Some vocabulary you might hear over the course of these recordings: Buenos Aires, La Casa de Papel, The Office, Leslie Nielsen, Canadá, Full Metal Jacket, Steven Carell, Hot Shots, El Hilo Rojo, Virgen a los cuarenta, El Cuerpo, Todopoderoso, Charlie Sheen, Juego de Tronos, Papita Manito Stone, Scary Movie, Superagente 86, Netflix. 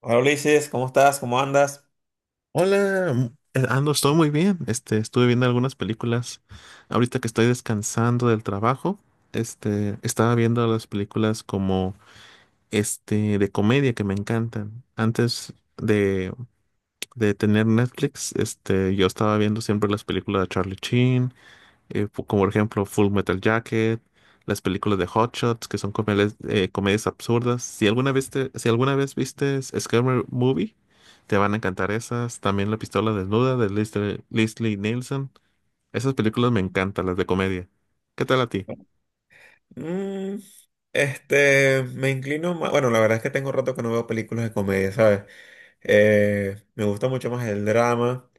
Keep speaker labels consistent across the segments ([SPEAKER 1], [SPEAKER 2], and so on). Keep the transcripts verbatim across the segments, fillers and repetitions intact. [SPEAKER 1] Hola Ulises, ¿cómo estás? ¿Cómo andas?
[SPEAKER 2] Hola, m- eh, ando, estoy muy bien. Este, estuve viendo algunas películas. Ahorita que estoy descansando del trabajo, este, estaba viendo las películas como este de comedia que me encantan. Antes de, de tener Netflix, este, yo estaba viendo siempre las películas de Charlie Sheen, eh, fu- como por ejemplo Full Metal Jacket, las películas de Hot Shots, que son comedias, eh, comedias absurdas. Si alguna vez te- si alguna vez viste Scary Movie, te van a encantar esas. También La Pistola Desnuda de Leslie, Leslie Nielsen. Esas películas me encantan, las de comedia. ¿Qué tal a ti?
[SPEAKER 1] Mm, este, Me inclino más. Bueno, la verdad es que tengo rato que no veo películas de comedia, ¿sabes? Eh, me gusta mucho más el drama,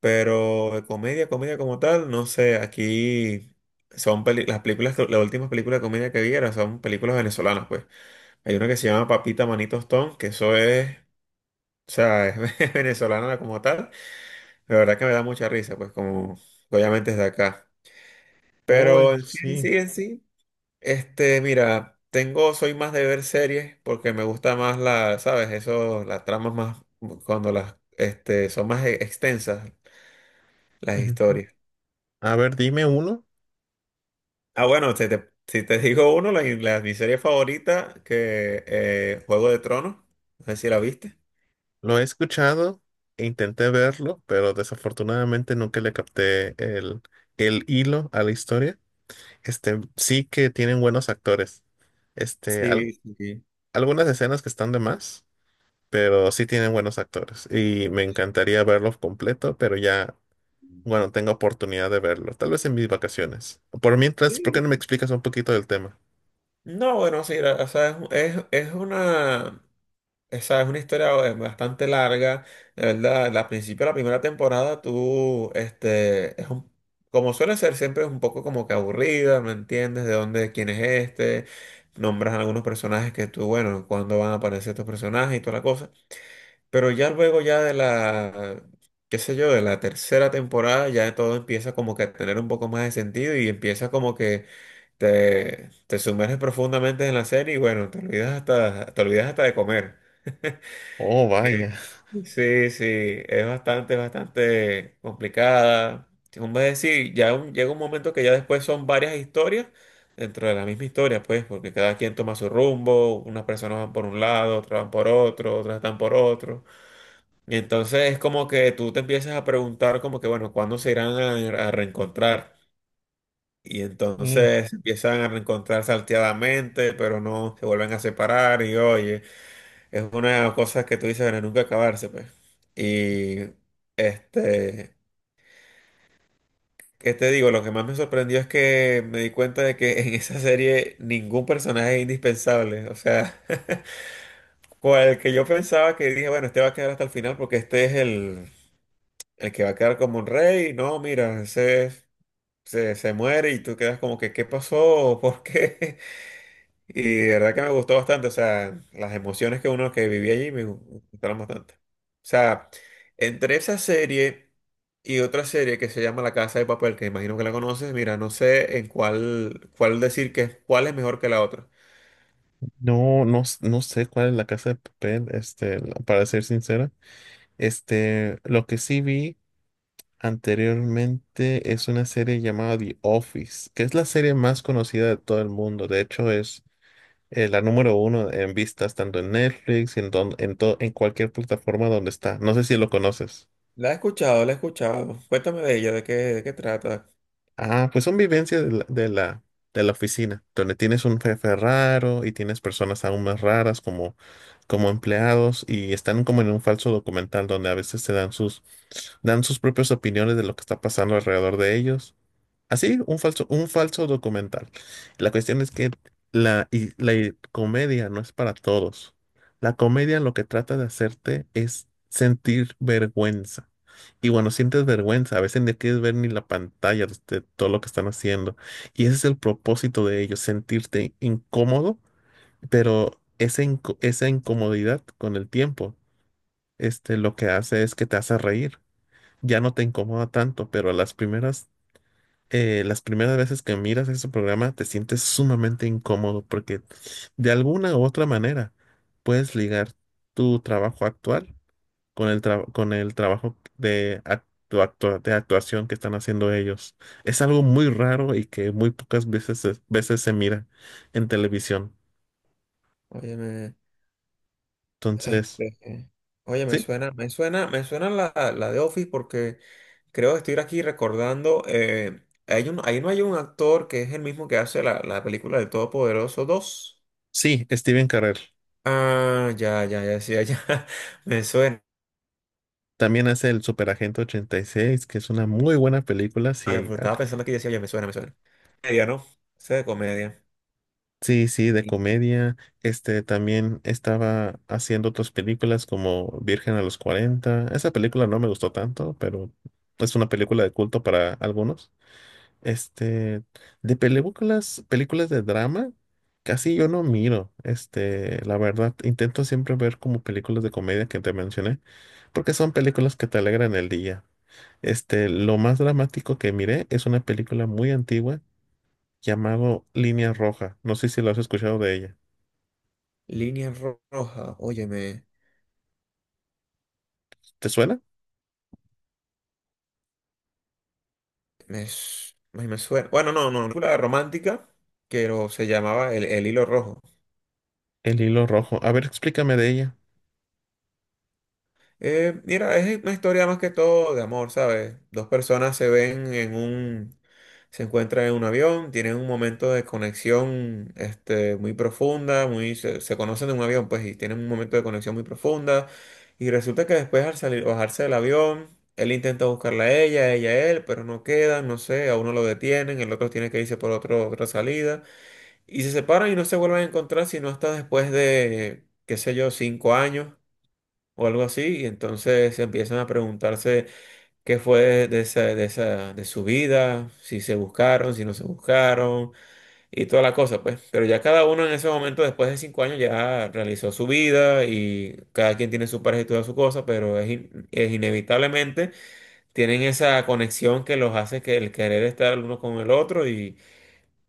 [SPEAKER 1] pero de comedia, comedia como tal, no sé. Aquí son peli- las películas, que- las últimas películas de comedia que vi eran son películas venezolanas, pues. Hay una que se llama Papita Manito Stone, que eso es, o sea, es venezolana como tal. La verdad que me da mucha risa, pues, como obviamente es de acá.
[SPEAKER 2] Oh,
[SPEAKER 1] Pero en sí, en
[SPEAKER 2] sí.
[SPEAKER 1] sí, en sí. Este, mira, tengo, soy más de ver series porque me gusta más la, ¿sabes? Eso, las tramas más, cuando las, este, son más e- extensas las
[SPEAKER 2] Ujú.
[SPEAKER 1] historias.
[SPEAKER 2] A ver, dime uno.
[SPEAKER 1] Ah, bueno, si te, si te digo uno, la, la- mi serie favorita, que eh, Juego de Tronos, no sé si la viste.
[SPEAKER 2] Lo he escuchado e intenté verlo, pero desafortunadamente nunca le capté el, el hilo a la historia. Este, sí que tienen buenos actores. Este, al-
[SPEAKER 1] Sí, sí.
[SPEAKER 2] algunas escenas que están de más, pero sí tienen buenos actores. Y me encantaría verlo completo, pero ya, bueno, tengo oportunidad de verlo. Tal vez en mis vacaciones. Por mientras, ¿por qué
[SPEAKER 1] Sí.
[SPEAKER 2] no me explicas un poquito del tema?
[SPEAKER 1] No, bueno, sí, la- o sea, es, es, es una. Esa es una historia eh, bastante larga, de verdad. Al principio de la primera temporada, tú, este, es un, como suele ser, siempre es un poco como que aburrida, no entiendes de dónde, quién es este, nombras algunos personajes que tú, bueno, cuándo van a aparecer estos personajes y toda la cosa. Pero ya luego, ya de la, qué sé yo, de la tercera temporada, ya todo empieza como que a tener un poco más de sentido y empieza como que te, te sumerges profundamente en la serie y bueno, te olvidas hasta, te olvidas hasta de comer.
[SPEAKER 2] Oh, vaya.
[SPEAKER 1] Sí, sí, es bastante, bastante complicada. Como es decir, ya un- llega un momento que ya después son varias historias dentro de la misma historia, pues, porque cada quien toma su rumbo, unas personas van por un lado, otras van por otro, otras están por otro. Y entonces es como que tú te empiezas a preguntar como que, bueno, ¿cuándo se irán a, a reencontrar? Y
[SPEAKER 2] Mm.
[SPEAKER 1] entonces empiezan a reencontrar salteadamente, pero no, se vuelven a separar y oye. Es una de las cosas que tú dices, bueno, nunca acabarse, pues. Y este, ¿qué te digo? Lo que más me sorprendió es que me di cuenta de que en esa serie ningún personaje es indispensable. O sea, cual que yo pensaba que dije, bueno, este va a quedar hasta el final porque este es el, el que va a quedar como un rey. No, mira, ese se, se muere y tú quedas como que, ¿qué pasó? ¿Por qué? Y de verdad que me gustó bastante, o sea, las emociones que uno que vivía allí me gustaron bastante. O sea, entre esa serie y otra serie que se llama La Casa de Papel, que imagino que la conoces, mira, no sé en cuál, cuál decir que es- cuál es mejor que la otra.
[SPEAKER 2] No, no, s- no sé cuál es La Casa de Papel, este, la- para ser sincera. Este, lo que sí vi anteriormente es una serie llamada The Office, que es la serie más conocida de todo el mundo. De hecho, es eh, la número uno en vistas tanto en Netflix y en, don- en, to- en cualquier plataforma donde está. No sé si lo conoces.
[SPEAKER 1] La he escuchado, la he escuchado. Cuéntame de ella, de qué, de qué trata.
[SPEAKER 2] Ah, pues son vivencias de la, de la, de la oficina, donde tienes un jefe raro y tienes personas aún más raras como, como empleados y están como en un falso documental donde a veces se dan sus, dan sus propias opiniones de lo que está pasando alrededor de ellos. Así, un falso, un falso documental. La cuestión es que la, y- la i- comedia no es para todos. La comedia lo que trata de hacerte es sentir vergüenza. Y bueno, sientes vergüenza, a veces ni quieres ver ni la pantalla de de todo lo que están haciendo. Y ese es el propósito de ellos, sentirte incómodo, pero esa, inco- esa incomodidad con el tiempo, este, lo que hace es que te hace reír. Ya no te incomoda tanto, pero las primeras eh, las primeras veces que miras ese programa te sientes sumamente incómodo porque de alguna u otra manera puedes ligar tu trabajo actual con el, tra- con el trabajo de, actu- actua- de actuación que están haciendo ellos. Es algo muy raro y que muy pocas veces, se- veces se mira en televisión.
[SPEAKER 1] Óyeme.
[SPEAKER 2] Entonces,
[SPEAKER 1] Este, Oye, me
[SPEAKER 2] sí,
[SPEAKER 1] suena, me suena, me suena la, la de Office porque creo que estoy aquí recordando, eh, hay un, ahí no hay un actor que es el mismo que hace la, la película de Todopoderoso dos.
[SPEAKER 2] sí, Steven Carell.
[SPEAKER 1] Ah, ya, ya, ya, sí, ya, me suena.
[SPEAKER 2] También hace el Superagente ochenta y seis, que es una muy buena película.
[SPEAKER 1] Vale,
[SPEAKER 2] Si.
[SPEAKER 1] pues estaba pensando aquí y decía, oye, me suena, me suena. Comedia, ¿no? Sé de comedia.
[SPEAKER 2] Sí, sí, de comedia. Este también estaba haciendo otras películas como Virgen a los Cuarenta. Esa película no me gustó tanto, pero es una película de culto para algunos. Este, de películas, películas de drama, casi yo no miro. Este, la verdad, intento siempre ver como películas de comedia que te mencioné, porque son películas que te alegran el día. Este, lo más dramático que miré es una película muy antigua llamado Línea Roja. No sé si lo has escuchado de ella.
[SPEAKER 1] Línea ro- roja, oye, me,
[SPEAKER 2] ¿Te suena?
[SPEAKER 1] me, su- me me suena. Bueno, no, no, una película romántica, pero se llamaba El, El Hilo Rojo.
[SPEAKER 2] El hilo rojo. A ver, explícame de ella.
[SPEAKER 1] Eh, mira, es una historia más que todo de amor, ¿sabes? Dos personas se ven en un, se encuentran en un avión, tienen un momento de conexión, este, muy profunda, muy, se, se conocen en un avión, pues, y tienen un momento de conexión muy profunda. Y resulta que después al salir, bajarse del avión, él intenta buscarla a ella, ella a él, pero no quedan, no sé, a uno lo detienen, el otro tiene que irse por otro, otra salida. Y se separan y no se vuelven a encontrar sino hasta después de, qué sé yo, cinco años o algo así, y entonces empiezan a preguntarse qué fue de esa, de esa, de su vida, si se buscaron, si no se buscaron, y toda la cosa, pues. Pero ya cada uno en ese momento, después de cinco años, ya realizó su vida y cada quien tiene su pareja y toda su cosa, pero es, in- es inevitablemente tienen esa conexión que los hace que el querer estar el uno con el otro y,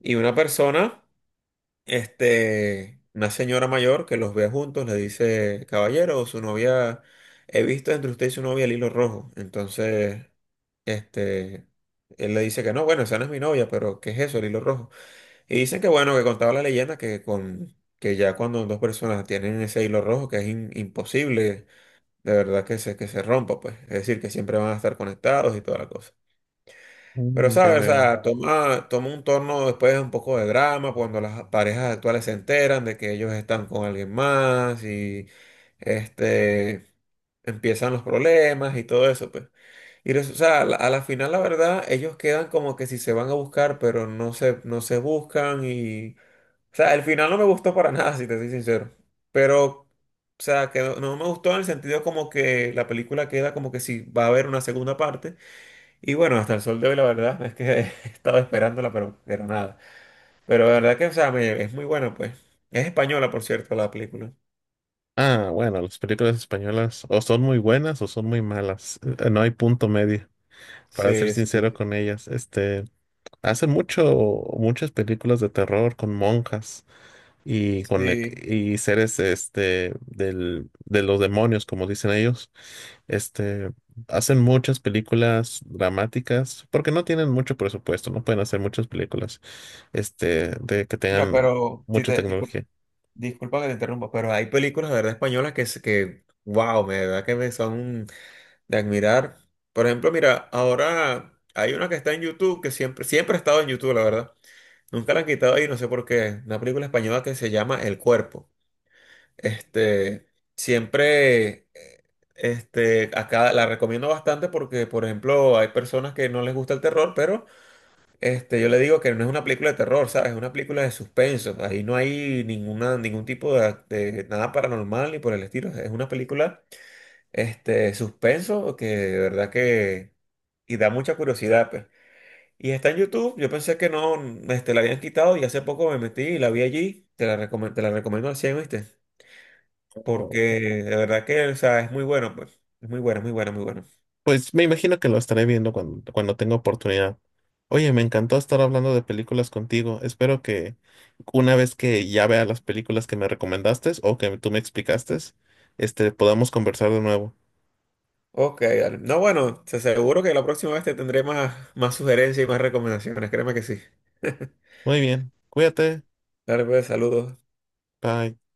[SPEAKER 1] y una persona. Este, una señora mayor que los ve juntos le dice, caballero, su novia, he visto entre usted y su novia el hilo rojo. Entonces, este, él le dice que no, bueno, esa no es mi novia, pero ¿qué es eso, el hilo rojo? Y dicen que bueno, que contaba la leyenda que con, que ya cuando dos personas tienen ese hilo rojo, que es im- imposible, de verdad que se, que se rompa, pues. Es decir, que siempre van a estar conectados y toda la cosa. Pero,
[SPEAKER 2] Mm, ya
[SPEAKER 1] ¿sabes? O
[SPEAKER 2] veo.
[SPEAKER 1] sea, toma, toma un torno después un poco de drama cuando las parejas actuales se enteran de que ellos están con alguien más y este, empiezan los problemas y todo eso, pues. Y, res- o sea, a la, a la final, la verdad, ellos quedan como que si se van a buscar, pero no se, no se buscan y... O sea, el final no me gustó para nada, si te soy sincero. Pero, o sea, que no, no me gustó en el sentido como que la película queda como que si va a haber una segunda parte. Y bueno, hasta el sol de hoy la verdad es que he estado esperándola, pero, pero nada. Pero la verdad que, o sea, me- es muy buena, pues. Es española, por cierto, la película.
[SPEAKER 2] Ah, bueno, las películas españolas o son muy buenas o son muy malas. Eh, No hay punto medio, para ser
[SPEAKER 1] Sí, sí,
[SPEAKER 2] sincero con ellas. Este, hacen mucho, muchas películas de terror con monjas. y, con, e-
[SPEAKER 1] sí.
[SPEAKER 2] y seres este, del, de los demonios, como dicen ellos. Este, hacen muchas películas dramáticas porque no tienen mucho presupuesto, no pueden hacer muchas películas este, de que
[SPEAKER 1] Mira,
[SPEAKER 2] tengan
[SPEAKER 1] pero si
[SPEAKER 2] mucha
[SPEAKER 1] te, discul-
[SPEAKER 2] tecnología.
[SPEAKER 1] disculpa que te interrumpa, pero hay películas de verdad españolas que, se- que wow, me, de verdad que me son de admirar. Por ejemplo, mira, ahora hay una que está en YouTube, que siempre, siempre ha estado en YouTube, la verdad. Nunca la han quitado y no sé por qué. Una película española que se llama El Cuerpo. Este, Siempre, eh, este, acá la recomiendo bastante porque, por ejemplo, hay personas que no les gusta el terror, pero este, yo le digo que no es una película de terror, ¿sabes? Es una película de suspenso. Ahí no hay ninguna, ningún tipo de, de nada paranormal ni por el estilo. Es una película, este, suspenso que de verdad que, y da mucha curiosidad, pues. Y está en YouTube, yo pensé que no, este, la habían quitado y hace poco me metí y la vi allí. Te la recome- te la recomiendo al cien, ¿viste? Porque de verdad que, o sea, es muy bueno, pues. Es muy bueno, muy bueno, muy bueno.
[SPEAKER 2] Pues me imagino que lo estaré viendo cuando, cuando tenga oportunidad. Oye, me encantó estar hablando de películas contigo. Espero que una vez que ya vea las películas que me recomendaste o que tú me explicaste, este, podamos conversar de nuevo.
[SPEAKER 1] Ok, dale. No, bueno, te aseguro que la próxima vez te tendré más, más sugerencias y más recomendaciones. Créeme que sí.
[SPEAKER 2] Muy bien, cuídate,
[SPEAKER 1] Dale, pues, saludos.
[SPEAKER 2] bye.